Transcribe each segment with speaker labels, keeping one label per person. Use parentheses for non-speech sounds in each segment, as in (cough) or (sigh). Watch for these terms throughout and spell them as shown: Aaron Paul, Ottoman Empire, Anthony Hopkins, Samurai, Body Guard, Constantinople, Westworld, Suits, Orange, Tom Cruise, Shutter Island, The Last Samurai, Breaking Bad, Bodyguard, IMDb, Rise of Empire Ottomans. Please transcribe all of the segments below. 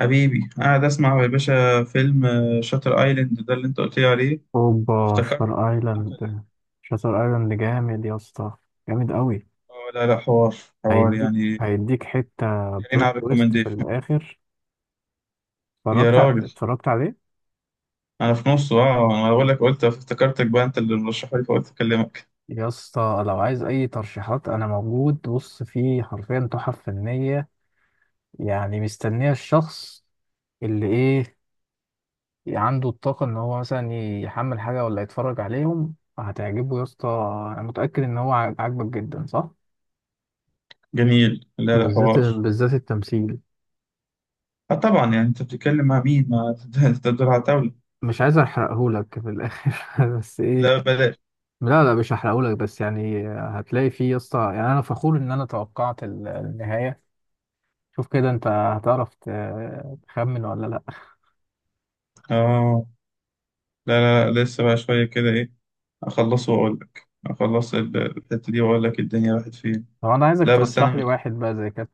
Speaker 1: حبيبي، قاعد اسمع يا باشا فيلم شاتر ايلاند ده اللي انت قلت لي عليه.
Speaker 2: اوبا
Speaker 1: افتكرت.
Speaker 2: شاتر ايلاند. شاتر ايلاند جامد يا اسطى، جامد قوي.
Speaker 1: لا، لا، حوار. حوار
Speaker 2: هيديك
Speaker 1: يعني.
Speaker 2: هيديك حته
Speaker 1: جايين على
Speaker 2: بلوت تويست في
Speaker 1: الريكومنديشن.
Speaker 2: الاخر.
Speaker 1: يا راجل.
Speaker 2: اتفرجت عليه.
Speaker 1: انا في نصه، انا بقول لك، قلت افتكرتك بقى انت اللي مرشحه لي، فقلت اكلمك.
Speaker 2: يا اسطى لو عايز اي ترشيحات انا موجود، بص فيه حرفيا تحف فنيه. يعني مستنيه الشخص اللي ايه، عنده الطاقه ان هو مثلا يحمل حاجه ولا، يتفرج عليهم هتعجبه يا اسطى. انا متاكد ان هو عاجبك جدا صح.
Speaker 1: جميل. لا، لا،
Speaker 2: بالذات
Speaker 1: حوار.
Speaker 2: بالذات التمثيل.
Speaker 1: اه، طبعا، يعني انت بتتكلم مع مين؟ ما انت (laughs) دول عتاولة.
Speaker 2: مش عايز احرقهولك في الاخر (laughs) بس ايه.
Speaker 1: لا بلاش.
Speaker 2: لا لا مش هحرقهولك، بس يعني هتلاقي فيه يا اسطى، يعني انا فخور ان انا توقعت النهايه. شوف كده انت هتعرف تخمن ولا لا.
Speaker 1: اه، لا، لا، لا، لسه بقى شويه كده ايه. اخلصه واقول لك، اخلص الحته دي واقول لك الدنيا راحت فين.
Speaker 2: طب انا عايزك
Speaker 1: لا، بس
Speaker 2: ترشح لي
Speaker 1: انا
Speaker 2: واحد بقى زي كده.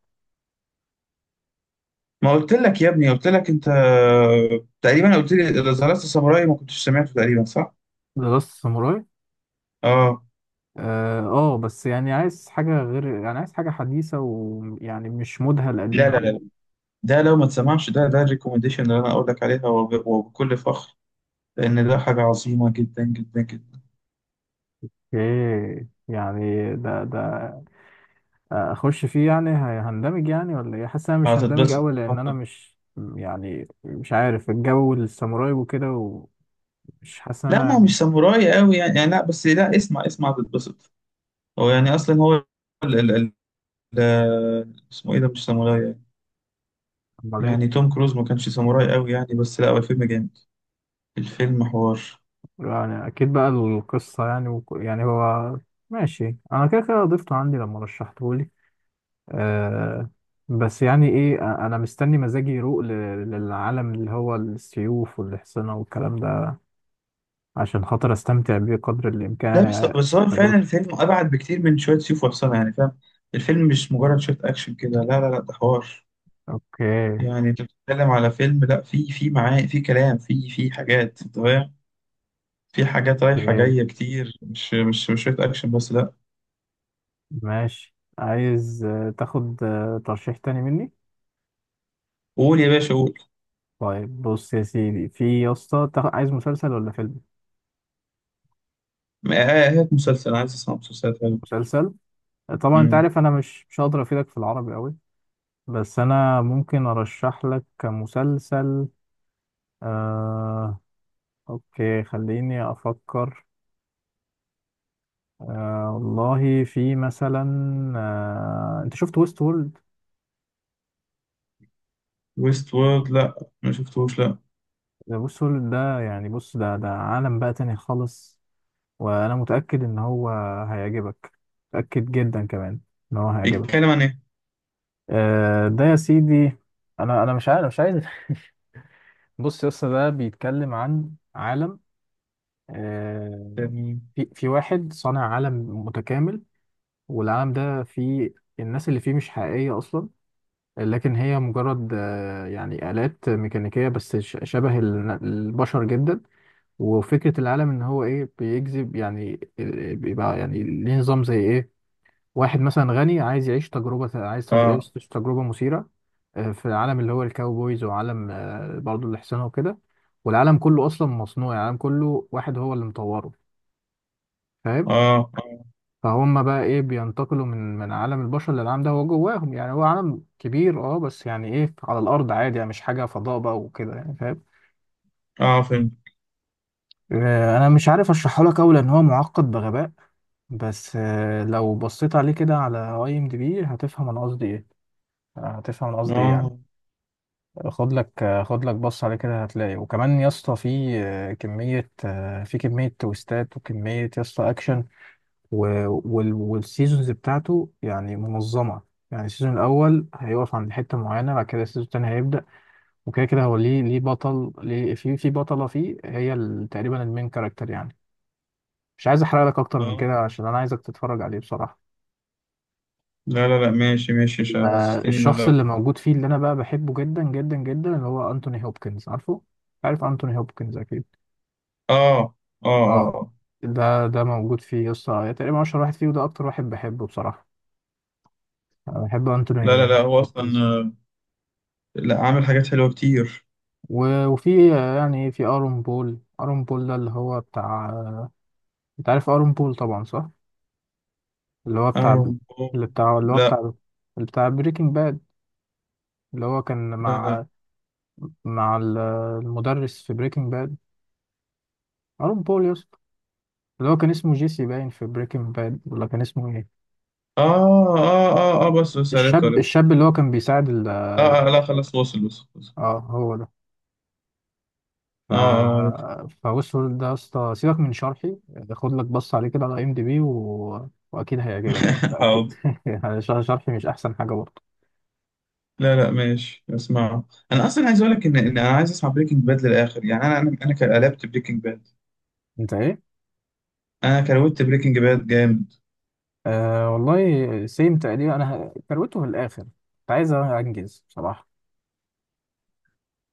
Speaker 1: ما قلت لك يا ابني؟ قلت لك انت تقريبا قلت لي اذا زرعت ساموراي ما كنتش سمعته، تقريبا صح؟
Speaker 2: ذا لاست ساموراي.
Speaker 1: اه،
Speaker 2: اه بس يعني عايز حاجه غير، يعني عايز حاجه حديثه ويعني مش مودها
Speaker 1: لا،
Speaker 2: القديم
Speaker 1: لا،
Speaker 2: كده.
Speaker 1: لا، ده لو ما تسمعش ده الريكومنديشن اللي انا اقول لك عليها، وبكل فخر. لان ده حاجه عظيمه جدا جدا جدا.
Speaker 2: اوكي يعني ده اخش فيه، يعني هندمج يعني ولا ايه، حاسس انا مش هندمج
Speaker 1: هتتبسط
Speaker 2: قوي لان انا
Speaker 1: هتتبسط.
Speaker 2: مش، يعني مش عارف الجو الساموراي وكده، ومش حاسس إن
Speaker 1: لا،
Speaker 2: انا
Speaker 1: ما هو
Speaker 2: يعني.
Speaker 1: مش ساموراي قوي يعني لا بس لا، اسمع اسمع، هتتبسط. هو يعني اصلا هو ال ال ال اسمه ايه؟ ده مش ساموراي يعني.
Speaker 2: امال ايه.
Speaker 1: يعني توم كروز ما كانش ساموراي قوي يعني، بس لا، هو الفيلم جامد. الفيلم حوار.
Speaker 2: يعني اكيد بقى القصه يعني يعني هو ماشي، انا كده كده ضفته عندي لما رشحته لي. أه بس يعني ايه، انا مستني مزاجي يروق للعالم اللي هو السيوف والحصنه والكلام ده، عشان خاطر استمتع بيه قدر الامكان
Speaker 1: لا، بس
Speaker 2: يعني.
Speaker 1: بس هو فعلا
Speaker 2: تجربه.
Speaker 1: الفيلم أبعد بكتير من شوية سيف وحصانة، يعني فاهم؟ الفيلم مش مجرد شوية أكشن كده. لا، لا، لا، ده حوار.
Speaker 2: اوكي.
Speaker 1: يعني أنت بتتكلم على فيلم، لا، في معاه، في كلام، في حاجات، أنت فاهم. في حاجات رايحة
Speaker 2: اوكي
Speaker 1: جاية كتير، مش شوية أكشن بس، لا.
Speaker 2: ماشي، عايز تاخد ترشيح تاني مني.
Speaker 1: قول يا باشا قول.
Speaker 2: طيب بص يا سيدي، في يا اسطى عايز مسلسل ولا فيلم؟
Speaker 1: ما- هات مسلسل، عايز أسمع مسلسلات حلوة.
Speaker 2: مسلسل. طبعا انت
Speaker 1: أمم.
Speaker 2: عارف انا مش هقدر افيدك في العربي قوي، بس انا ممكن ارشح لك مسلسل. آه... اوكي خليني افكر. والله في مثلا، انت شفت ويست وورلد؟
Speaker 1: ويست وورد، لا. ما شفتوش، لا.
Speaker 2: ده ويست وورلد ده يعني بص، ده عالم بقى تاني خالص، وانا متاكد ان هو هيعجبك، متاكد جدا كمان ان هو هيعجبك.
Speaker 1: بيتكلم عن إيه؟
Speaker 2: ده يا سيدي، انا انا مش عارف، مش عايز (laughs) بص يا اسطى ده بيتكلم عن عالم، آه،
Speaker 1: يعني
Speaker 2: في واحد صانع عالم متكامل، والعالم ده فيه الناس اللي فيه مش حقيقية أصلا، لكن هي مجرد يعني آلات ميكانيكية، بس شبه البشر جدا. وفكرة العالم إن هو إيه، بيجذب يعني بيبقى يعني ليه نظام زي إيه، واحد مثلا غني عايز يعيش تجربة، عايز يعيش
Speaker 1: آه
Speaker 2: تجربة مثيرة، في العالم اللي هو الكاوبويز، وعالم برضه الإحسانة وكده. والعالم كله أصلا مصنوع، يعني العالم كله واحد هو اللي مطوره، فاهم؟
Speaker 1: آه آه
Speaker 2: فهم بقى إيه، بينتقلوا من عالم البشر للعالم ده هو جواهم. يعني هو عالم كبير أه، بس يعني إيه على الأرض عادي، يعني مش حاجة فضاء بقى وكده، يعني فاهم.
Speaker 1: فيلم.
Speaker 2: أنا مش عارف أشرحه لك أوي لأن هو معقد بغباء، بس لو بصيت عليه كده على أي إم دي بي هتفهم أنا قصدي إيه، هتفهم أنا قصدي إيه يعني.
Speaker 1: آه،
Speaker 2: خد لك بص عليه كده هتلاقي، وكمان يا اسطى في كمية في كمية تويستات وكمية يا اسطى أكشن، و- والسيزونز بتاعته يعني منظمة، يعني السيزون الأول هيقف عند حتة معينة، بعد كده السيزون التاني هيبدأ. وكده كده هو ليه، ليه بطل ليه، في في بطلة فيه هي تقريبا المين كاركتر يعني. مش عايز أحرق لك أكتر من كده
Speaker 1: آه،
Speaker 2: عشان أنا عايزك تتفرج عليه بصراحة.
Speaker 1: لا، لا، لا، ماشي، ماشي، مش
Speaker 2: ال-
Speaker 1: حسستني إنه،
Speaker 2: الشخص
Speaker 1: لا.
Speaker 2: اللي موجود فيه اللي أنا بقى بحبه جدا جدا جدا، اللي هو أنتوني هوبكنز، عارفه؟ عارف أنتوني هوبكنز أكيد.
Speaker 1: اه، اه، اه،
Speaker 2: اه
Speaker 1: آه.
Speaker 2: ده ده موجود فيه يا اسطى، تقريبا اشهر واحد فيه، وده اكتر واحد بحبه بصراحه. أنا بحب
Speaker 1: لا، لا،
Speaker 2: انتوني
Speaker 1: لا، هو اصلا.
Speaker 2: هوكنز.
Speaker 1: لا عامل حاجات حلوه كتير.
Speaker 2: وفي يعني في ارون بول، ارون بول ده اللي هو بتاع، انت عارف ارون بول طبعا صح؟ اللي هو بتاع،
Speaker 1: ايرون
Speaker 2: اللي
Speaker 1: بوم.
Speaker 2: بتاع اللي هو بتاع
Speaker 1: لا،
Speaker 2: اللي بتاع بريكنج باد، اللي هو كان
Speaker 1: لا، لا.
Speaker 2: مع، مع المدرس في بريكنج باد. ارون بول يا اسطى اللي هو كان اسمه جيسي باين في بريكنج باد، ولا كان اسمه ايه.
Speaker 1: اه، اه، اه، اه، بس عرفت
Speaker 2: الشاب،
Speaker 1: عرفت.
Speaker 2: الشاب اللي هو كان بيساعد ال،
Speaker 1: اه، آه، لا، خلاص، وصل وصل وصل.
Speaker 2: اه هو ده. ف
Speaker 1: اه، اه، عرفت.
Speaker 2: فوصل ده يا اسطى، سيبك من شرحي، خد لك بص عليه كده على ام دي بي واكيد هيعجبك، انا
Speaker 1: (laughs)
Speaker 2: متاكد
Speaker 1: حاضر.
Speaker 2: (laughs) يعني شرحي مش احسن حاجه برضه.
Speaker 1: لا، لا، ماشي، اسمعه. انا اصلا عايز اقول لك ان انا عايز اسمع بريكنج باد للاخر، يعني قلبت بريكنج باد.
Speaker 2: انت ايه؟
Speaker 1: انا كروت بريكنج باد جامد.
Speaker 2: أه والله سيم تقريبا، انا كروته في الاخر كنت عايز انجز بصراحه.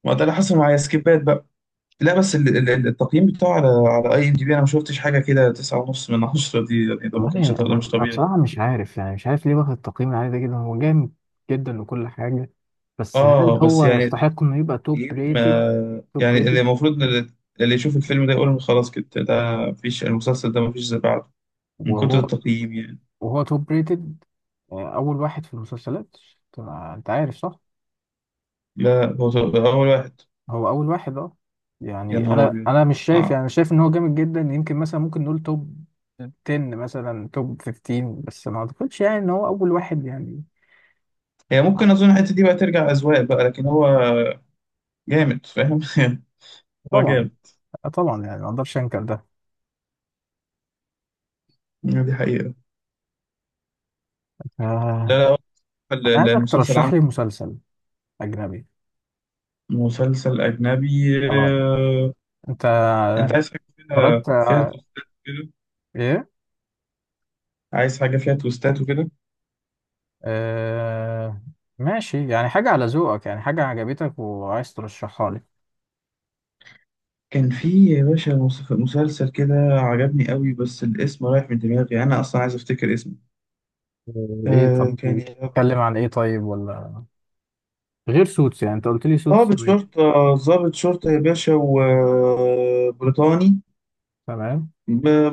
Speaker 1: ما ده اللي حصل معايا، سكيبات بقى. لا، بس التقييم بتاعه على IMDB، انا ما شفتش حاجه كده. تسعة ونص من عشرة دي يعني، ده ما كانش،
Speaker 2: والله
Speaker 1: ده
Speaker 2: انا،
Speaker 1: مش
Speaker 2: انا
Speaker 1: طبيعي.
Speaker 2: بصراحه مش عارف يعني، مش عارف ليه واخد التقييم العالي ده جدا. هو جامد جدا وكل حاجه، بس هل
Speaker 1: اه، بس
Speaker 2: هو
Speaker 1: يعني
Speaker 2: يستحق انه يبقى توب
Speaker 1: التقييم
Speaker 2: ريتد؟ توب
Speaker 1: يعني، اللي المفروض إن اللي، اللي يشوف الفيلم ده يقول خلاص، كده ده مفيش، المسلسل ده مفيش زي بعده، من كتر
Speaker 2: ريتد،
Speaker 1: التقييم يعني.
Speaker 2: وهو توب ريتد اول واحد في المسلسلات، طبعا انت عارف صح؟
Speaker 1: لا هو ده اول واحد.
Speaker 2: هو اول واحد اه.
Speaker 1: يا
Speaker 2: يعني
Speaker 1: نهار
Speaker 2: انا،
Speaker 1: ابيض.
Speaker 2: انا مش شايف،
Speaker 1: اه.
Speaker 2: يعني شايف ان هو جامد جدا، يمكن مثلا ممكن نقول توب 10 مثلا، توب 15، بس ما اعتقدش يعني ان هو اول واحد يعني.
Speaker 1: هي ممكن، اظن الحته دي بقى ترجع اذواق بقى، لكن هو جامد فاهم. (laughs) هو
Speaker 2: طبعا
Speaker 1: جامد.
Speaker 2: طبعا يعني ما اقدرش انكر ده.
Speaker 1: آه، دي حقيقه. لا،
Speaker 2: آه،
Speaker 1: لا، هو
Speaker 2: انا عايزك
Speaker 1: المسلسل
Speaker 2: ترشح
Speaker 1: عامل.
Speaker 2: لي مسلسل اجنبي.
Speaker 1: مسلسل اجنبي،
Speaker 2: اه.
Speaker 1: آه.
Speaker 2: انت
Speaker 1: انت
Speaker 2: يعني،
Speaker 1: عايز حاجه فيها
Speaker 2: اتفرجت
Speaker 1: فيها
Speaker 2: على-
Speaker 1: تويستات كده؟
Speaker 2: ايه.
Speaker 1: عايز حاجه فيها تويستات وكده.
Speaker 2: آه، ماشي، يعني حاجة على ذوقك، يعني حاجة عجبتك وعايز ترشحها لي.
Speaker 1: كان في يا باشا مسلسل كده عجبني قوي، بس الاسم رايح من دماغي، انا اصلا عايز افتكر اسمه.
Speaker 2: ايه
Speaker 1: آه
Speaker 2: طب
Speaker 1: كان
Speaker 2: يعني
Speaker 1: يا رب-
Speaker 2: اتكلم عن ايه طيب، ولا غير سوتس، يعني انت قلت لي سوتس
Speaker 1: ضابط
Speaker 2: ماشي.
Speaker 1: شرطة يا باشا، وبريطاني،
Speaker 2: تمام.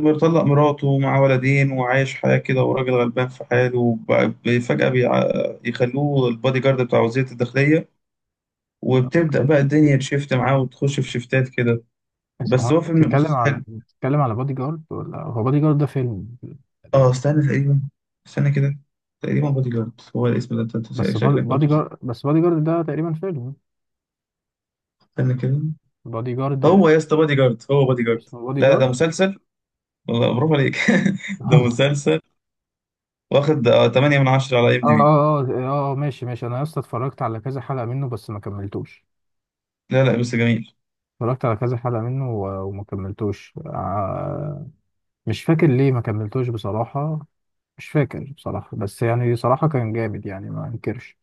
Speaker 1: مطلق مراته، مع ولدين، وعايش حياة كده، وراجل غلبان في حاله، فجأة يخلوه البادي جارد بتاع وزيرة الداخلية، وبتبدأ
Speaker 2: اوكي،
Speaker 1: بقى الدنيا تشفت معاه، وتخش في شفتات كده.
Speaker 2: بس هو
Speaker 1: بس هو
Speaker 2: انت
Speaker 1: فيلم
Speaker 2: بتتكلم على،
Speaker 1: مسلسل.
Speaker 2: بتتكلم على بادي جارد، ولا هو بادي جارد ده فيلم؟
Speaker 1: اه،
Speaker 2: تقريبا.
Speaker 1: استنى، تقريبا. استنى كده. تقريبا بودي جارد هو الاسم ده. انت
Speaker 2: بس
Speaker 1: شكلك
Speaker 2: بادي
Speaker 1: قلته، صح؟
Speaker 2: جارد، بس بادي جارد ده تقريبا فيلم.
Speaker 1: استنى كده.
Speaker 2: بادي
Speaker 1: هو
Speaker 2: جارد،
Speaker 1: يا اسطى بودي جارد هو بودي جارد.
Speaker 2: اسمه بادي
Speaker 1: لا، لا،
Speaker 2: جارد.
Speaker 1: ده مسلسل. والله برافو عليك. (laughs) ده
Speaker 2: (laughs) اه.
Speaker 1: مسلسل. واخد 8 من 10 على ام دي
Speaker 2: اه
Speaker 1: بي
Speaker 2: اه اه ماشي ماشي، انا لسه اتفرجت على كذا حلقة منه بس ما كملتوش.
Speaker 1: لا، لا، بس جميل.
Speaker 2: اتفرجت على كذا حلقة منه وما كملتوش مش فاكر ليه ما كملتوش بصراحة، مش فاكر بصراحة، بس يعني صراحة كان جامد يعني ما انكرش.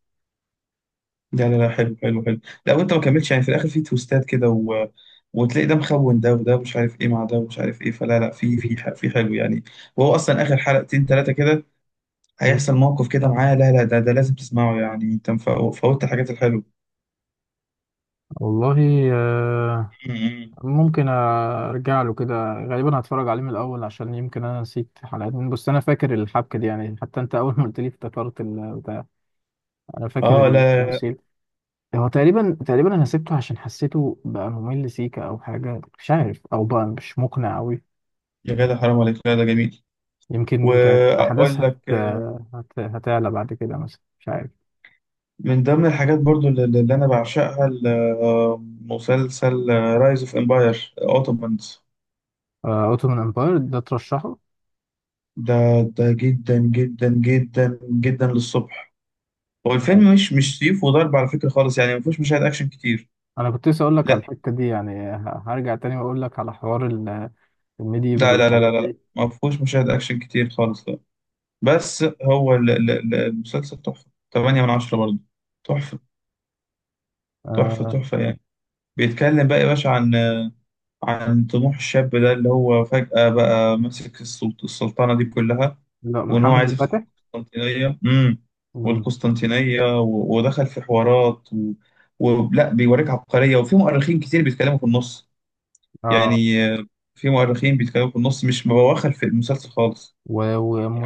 Speaker 1: لا، لا، لا، حلو، حلو، حلو. لا، وانت ما كملتش يعني، في الاخر في تويستات كده، و... وتلاقي ده مخون ده، وده مش عارف ايه مع ده، ومش عارف ايه، فلا، لا، في في حلو يعني. وهو اصلا اخر حلقتين ثلاثه كده
Speaker 2: مم.
Speaker 1: هيحصل موقف كده معاه. لا، لا، ده لازم تسمعه يعني. انت فوتت الحاجات الحلوه.
Speaker 2: والله آه،
Speaker 1: مم.
Speaker 2: ممكن ارجع له كده، غالبا هتفرج عليه من الاول عشان يمكن انا نسيت حلقات من، بس انا فاكر الحبكة دي يعني، حتى انت اول ما قلت لي افتكرت البتاع، انا فاكر
Speaker 1: اه، لا،
Speaker 2: التمثيل. هو تقريبا، تقريبا انا سبته عشان حسيته بقى ممل سيكا، او حاجة مش عارف، او بقى مش مقنع قوي.
Speaker 1: يا جدع، حرام عليك، لا، ده جميل.
Speaker 2: يمكن كانت الاحداث
Speaker 1: واقول لك.
Speaker 2: هتعلى بعد كده مثلا، مش عارف.
Speaker 1: من ضمن الحاجات برضو اللي انا بعشقها مسلسل رايز اوف امباير اوتومانز.
Speaker 2: اوتومان امباير ده ترشحه.
Speaker 1: ده ده جدا جدا جدا جدا للصبح. هو الفيلم مش سيف وضرب على فكرة خالص، يعني ما فيهوش مشاهد اكشن كتير.
Speaker 2: انا كنت لسه اقول لك على
Speaker 1: لا،
Speaker 2: الحته دي، يعني هرجع تاني واقول لك على حوار الميديفال
Speaker 1: لا، لا، لا،
Speaker 2: والحاجات
Speaker 1: لا، لا،
Speaker 2: دي.
Speaker 1: ما فيهوش مشاهد اكشن كتير خالص، لا. بس هو المسلسل تحفة. 8 من 10 برضو. تحفة. تحفة
Speaker 2: آه
Speaker 1: تحفة يعني. بيتكلم بقى يا باشا عن عن طموح الشاب ده اللي هو فجأة بقى ماسك السلطنة دي كلها،
Speaker 2: لا،
Speaker 1: وإن هو
Speaker 2: محمد
Speaker 1: عايز يفتح
Speaker 2: الفاتح.
Speaker 1: القسطنطينية.
Speaker 2: مم.
Speaker 1: والقسطنطينية ودخل في حوارات. ولا بيوريك عبقرية، وفي مؤرخين كتير بيتكلموا في النص،
Speaker 2: اه.
Speaker 1: يعني في مؤرخين بيتكلموا في النص، مش مبواخر في المسلسل خالص
Speaker 2: و-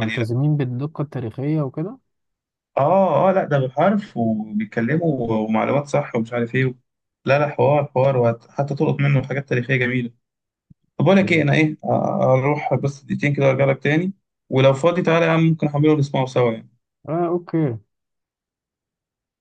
Speaker 1: يعني. لا،
Speaker 2: بالدقه التاريخيه وكده.
Speaker 1: آه، آه، لا، ده بالحرف، وبيتكلموا، ومعلومات صح، ومش عارف إيه. لا، لا، حوار، حوار، وحتى تلقط منه حاجات تاريخية جميلة. طب بقول لك ايه،
Speaker 2: أوكي.
Speaker 1: انا ايه آه، اروح بس دقيقتين كده وارجع لك تاني. ولو فاضي تعالى يا عم، ممكن احمله ونسمعه سوا يعني.
Speaker 2: اه اوكي.